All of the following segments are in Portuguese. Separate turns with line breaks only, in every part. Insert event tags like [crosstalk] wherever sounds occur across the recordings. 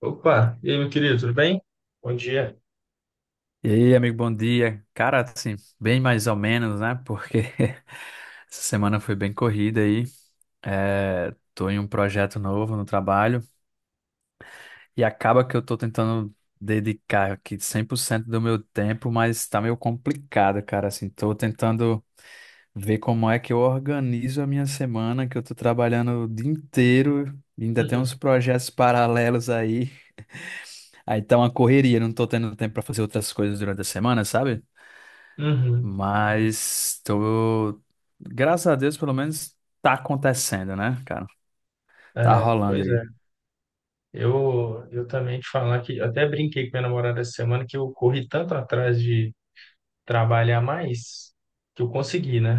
Opa, e aí, meu querido, tudo bem? Bom dia.
E aí, amigo, bom dia. Cara, assim, bem mais ou menos, né? Porque [laughs] essa semana foi bem corrida aí. É, tô em um projeto novo no trabalho e acaba que eu tô tentando dedicar aqui 100% do meu tempo, mas tá meio complicado, cara. Assim, tô tentando ver como é que eu organizo a minha semana, que eu tô trabalhando o dia inteiro, e ainda tem uns
[laughs]
projetos paralelos aí. Aí tá uma correria, não tô tendo tempo pra fazer outras coisas durante a semana, sabe?
Uhum. Uhum.
Mas tô, graças a Deus, pelo menos tá acontecendo, né, cara? Tá
É,
rolando
pois
aí.
é, eu também te falar que eu até brinquei com minha namorada essa semana que eu corri tanto atrás de trabalhar mais que eu consegui, né?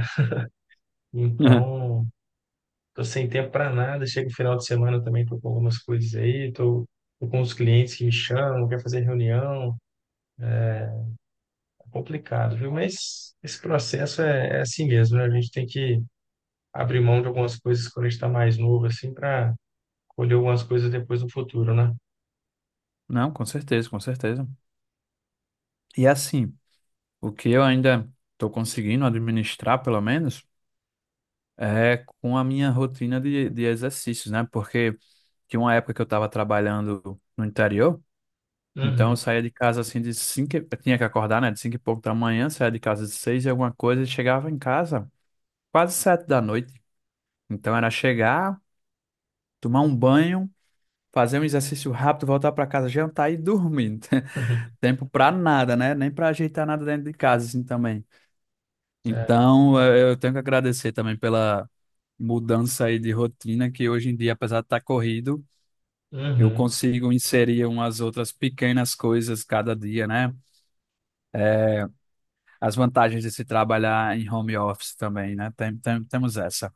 [laughs]
Então, tô sem tempo para nada. Chega o final de semana também, tô com algumas coisas aí, tô com os clientes que me chamam, quer fazer reunião, é complicado, viu? Mas esse processo é assim mesmo, né? A gente tem que abrir mão de algumas coisas quando a gente tá mais novo, assim, para colher algumas coisas depois no futuro, né?
Não, com certeza, com certeza. E assim, o que eu ainda tô conseguindo administrar, pelo menos, é com a minha rotina de exercícios, né? Porque tinha uma época que eu tava trabalhando no interior, então eu
Uhum.
saía de casa assim de cinco, eu tinha que acordar, né, de cinco e pouco da manhã, saía de casa de seis e alguma coisa e chegava em casa quase sete da noite. Então era chegar, tomar um banho fazer um exercício rápido, voltar para casa, jantar e dormir. [laughs]
[laughs]
Tempo para nada, né? Nem para ajeitar nada dentro de casa, assim também.
É.
Então, eu tenho que agradecer também pela mudança aí de rotina, que hoje em dia, apesar de estar corrido, eu
Uhum.
consigo inserir umas outras pequenas coisas cada dia, né? As vantagens de se trabalhar em home office também, né? Temos essa.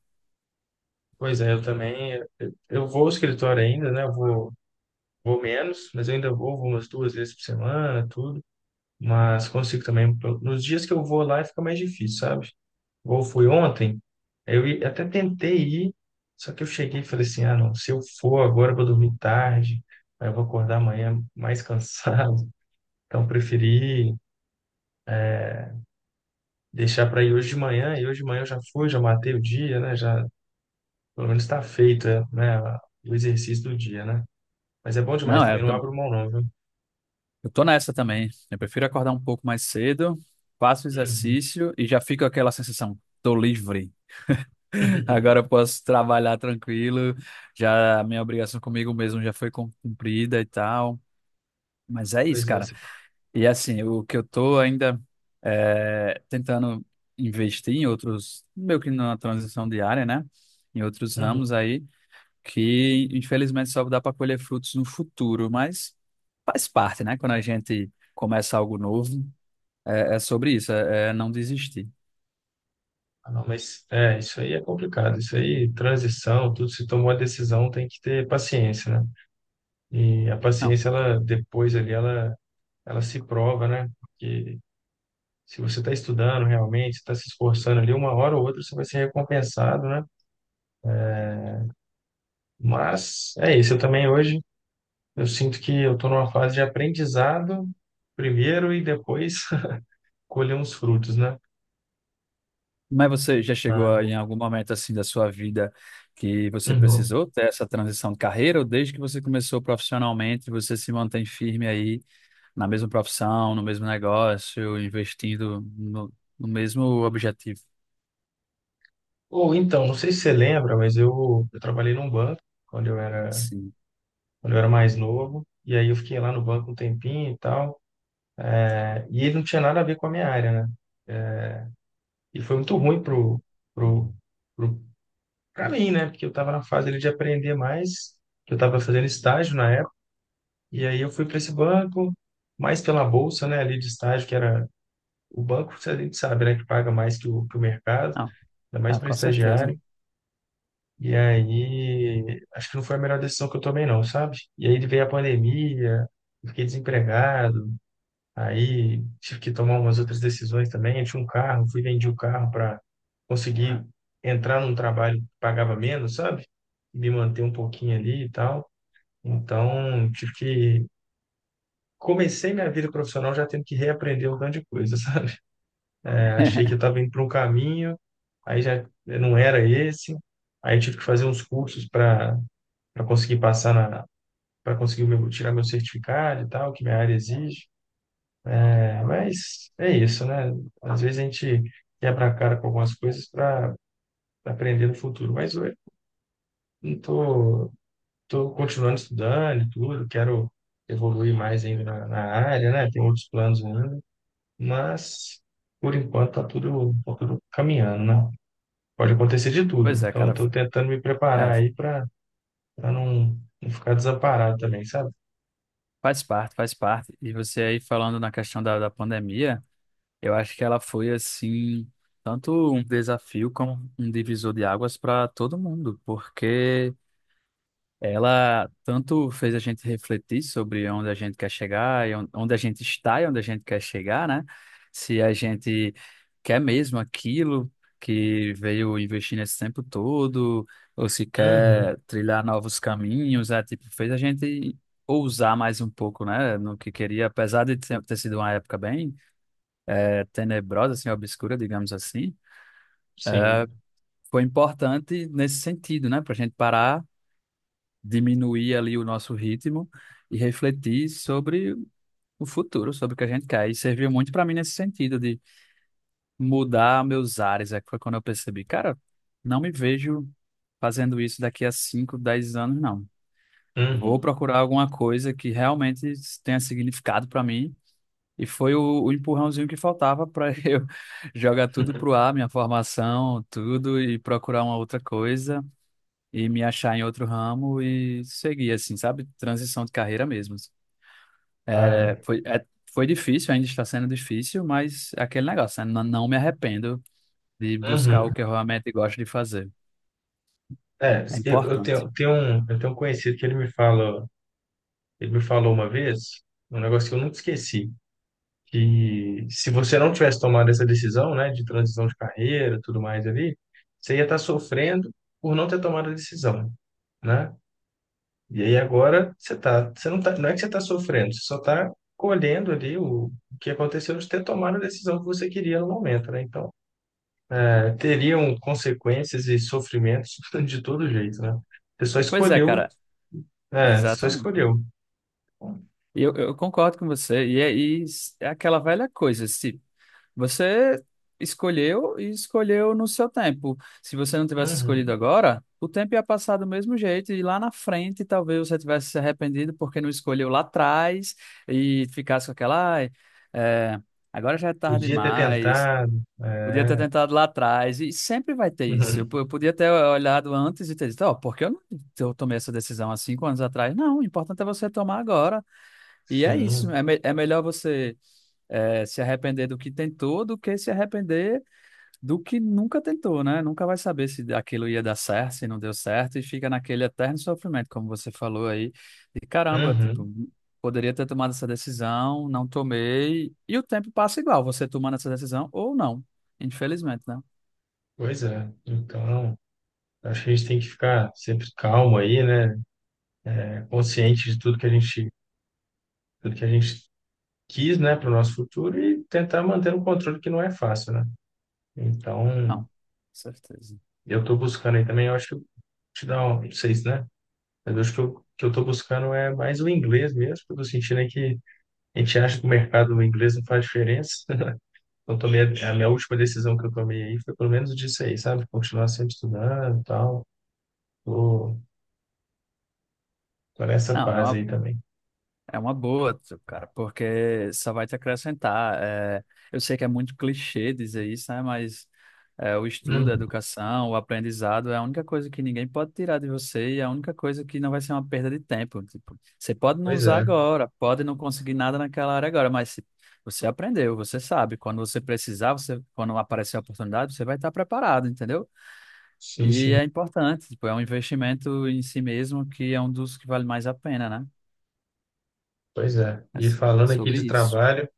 Pois é, eu também. Eu vou ao escritório ainda, né? Eu vou menos, mas eu ainda vou umas duas vezes por semana, tudo. Mas consigo também. Nos dias que eu vou lá, fica mais difícil, sabe? Ou fui ontem, eu até tentei ir, só que eu cheguei e falei assim: ah, não, se eu for agora, eu vou dormir tarde, aí eu vou acordar amanhã mais cansado. [laughs] Então, preferi deixar para ir hoje de manhã, e hoje de manhã eu já fui, já matei o dia, né? Já, pelo menos está feita, né? O exercício do dia, né? Mas é bom demais
Não, é,
também, não abro mão não, viu?
eu tô nessa também. Eu prefiro acordar um pouco mais cedo, faço
Uhum.
exercício e já fico aquela sensação, tô livre.
[laughs]
Agora eu posso trabalhar tranquilo. Já a minha obrigação comigo mesmo já foi cumprida e tal. Mas é isso,
Pois é.
cara. E assim, o que eu tô ainda é, tentando investir em outros, meio que na transição diária, né? Em outros
Uhum.
ramos aí, que infelizmente só dá para colher frutos no futuro, mas faz parte, né? Quando a gente começa algo novo, é, é sobre isso, é não desistir.
Ah, não, mas é, isso aí é complicado. Isso aí, transição, tudo, se tomou a decisão, tem que ter paciência, né? E a paciência, ela depois ali, ela se prova, né? Porque se você está estudando realmente, está se esforçando ali, uma hora ou outra você vai ser recompensado, né? Mas é isso. Eu também hoje eu sinto que eu estou numa fase de aprendizado primeiro e depois [laughs] colher uns frutos, né?
Mas você já
Ah,
chegou em algum momento assim da sua vida que você
uhum.
precisou ter essa transição de carreira, ou desde que você começou profissionalmente, você se mantém firme aí na mesma profissão, no mesmo negócio, investindo no mesmo objetivo?
Ou então, não sei se você lembra, mas eu trabalhei num banco quando eu era,
Sim.
quando eu era mais novo. E aí eu fiquei lá no banco um tempinho e tal. E ele não tinha nada a ver com a minha área, né? E foi muito ruim pro, pro, pra mim, né? Porque eu estava na fase ali de aprender mais. Que Eu estava fazendo estágio na época. E aí eu fui para esse banco, mais pela bolsa, né? Ali de estágio, que era. O banco, a gente sabe, né, que paga mais que o mercado,
Não,
ainda mais
ah,
para
com certeza.
estagiário. E aí, acho que não foi a melhor decisão que eu tomei, não, sabe? E aí veio a pandemia, eu fiquei desempregado, aí tive que tomar umas outras decisões também. Eu tinha um carro, fui vendi o carro para conseguir entrar num trabalho que pagava menos, sabe? E me manter um pouquinho ali e tal. Então, tive que. Comecei minha vida profissional já tendo que reaprender um tanto de coisa, [laughs] sabe? Achei que eu estava
[laughs]
indo para um caminho, aí já não era esse. Aí eu tive que fazer uns cursos para conseguir passar na para conseguir o meu, tirar meu certificado e tal, que minha área exige. É, mas é isso, né? Às vezes a gente quebra a cara com algumas coisas para aprender no futuro. Mas eu não tô, tô continuando estudando e tudo, quero evoluir mais ainda na, na área, né? Tem outros planos ainda, mas por enquanto tá tudo caminhando, né? Pode acontecer de tudo.
Pois é,
Então, eu
cara,
estou tentando me preparar
é,
aí para não, não ficar desamparado também, sabe?
faz parte, faz parte. E você aí falando na questão da pandemia, eu acho que ela foi assim, tanto um desafio como um divisor de águas para todo mundo, porque ela tanto fez a gente refletir sobre onde a gente quer chegar, e onde a gente está e onde a gente quer chegar, né? Se a gente quer mesmo aquilo que veio investir nesse tempo todo, ou se
Uhum.
quer trilhar novos caminhos, é tipo, fez a gente ousar mais um pouco, né? No que queria, apesar de ter sido uma época bem tenebrosa, assim, obscura, digamos assim,
Sim.
foi importante nesse sentido, né? Para a gente parar diminuir ali o nosso ritmo e refletir sobre o futuro, sobre o que a gente quer. E serviu muito para mim nesse sentido de mudar meus ares. É que foi quando eu percebi, cara, não me vejo fazendo isso daqui a 5, 10 anos, não. Vou
Uhum.
procurar alguma coisa que realmente tenha significado para mim. E foi o empurrãozinho que faltava para [laughs] eu jogar tudo pro
[laughs]
ar, minha formação, tudo, e procurar uma outra coisa e me achar em outro ramo e seguir, assim, sabe? Transição de carreira mesmo.
Ah, é.
É, foi difícil, ainda está sendo difícil, mas é aquele negócio, né? Não, não me arrependo de buscar o
Uhum.
que eu realmente gosto de fazer.
É,
É importante.
eu tenho um conhecido que ele me fala, ele me falou uma vez, um negócio que eu nunca esqueci, que se você não tivesse tomado essa decisão, né, de transição de carreira, tudo mais ali, você ia estar sofrendo por não ter tomado a decisão, né? E aí agora você não tá, não é que você está sofrendo, você só está colhendo ali o que aconteceu de ter tomado a decisão que você queria no momento, né? Então, teriam consequências e sofrimentos [laughs] de todo jeito, né? Você só
Pois é,
escolheu,
cara,
é, você só
exatamente.
escolheu.
E eu concordo com você. E é aquela velha coisa, se você escolheu e escolheu no seu tempo. Se você não tivesse escolhido
Uhum.
agora, o tempo ia passar do mesmo jeito e lá na frente talvez você tivesse se arrependido porque não escolheu lá atrás e ficasse com aquela, ai, é, agora já é tarde
Podia ter
demais.
tentado,
Podia ter
é.
tentado lá atrás, e sempre vai ter isso. Eu,
Uhum.
eu podia ter olhado antes e ter dito, ó, por que eu não eu tomei essa decisão há 5 anos atrás? Não, o importante é você tomar agora. E é isso.
Sim.
É, é melhor você é, se arrepender do que tentou do que se arrepender do que nunca tentou, né? Nunca vai saber se aquilo ia dar certo, se não deu certo, e fica naquele eterno sofrimento, como você falou aí, de caramba,
Uhum.
tipo, poderia ter tomado essa decisão, não tomei, e o tempo passa igual, você tomando essa decisão ou não, infelizmente, né?
Pois é. Então, acho que a gente tem que ficar sempre calmo aí, né? Consciente de tudo que a gente quis, né, para o nosso futuro e tentar manter um controle que não é fácil, né? Então,
Não, certeza.
eu estou buscando aí também, eu acho que eu te dá um, não sei se, né? Mas eu acho que eu estou buscando é mais o inglês mesmo, porque eu tô sentindo aí que a gente acha que o mercado do inglês não faz diferença. [laughs] Então, tomei a minha última decisão que eu tomei aí foi pelo menos disso aí, sabe? Continuar sempre estudando e tal. Tô, tô nessa
Não, é
fase
uma,
aí também.
é uma boa, cara, porque só vai te acrescentar. É, eu sei que é muito clichê dizer isso, né? Mas é, o estudo, a
Hum,
educação, o aprendizado é a única coisa que ninguém pode tirar de você e é a única coisa que não vai ser uma perda de tempo. Tipo, você pode não
pois
usar
é,
agora, pode não conseguir nada naquela área agora, mas se você aprendeu, você sabe. Quando você precisar, você, quando aparecer a oportunidade, você vai estar preparado, entendeu?
sim,
E
sim,
é importante, tipo, é um investimento em si mesmo que é um dos que vale mais a pena, né?
pois é.
É
E falando aqui
sobre
de
isso.
trabalho,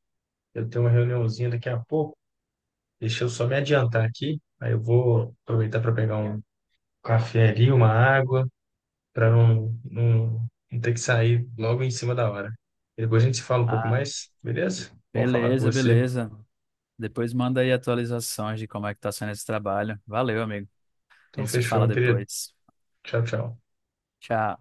eu tenho uma reuniãozinha daqui a pouco. Deixa eu só me adiantar aqui. Aí eu vou aproveitar para pegar um café ali, uma água, para não ter que sair logo em cima da hora. E depois a gente se fala um pouco
Ah,
mais, beleza? Bom falar com
beleza,
você.
beleza. Depois manda aí atualizações de como é que tá sendo esse trabalho. Valeu, amigo. A
Então,
gente se
fechou,
fala
meu querido.
depois.
Tchau, tchau.
Tchau.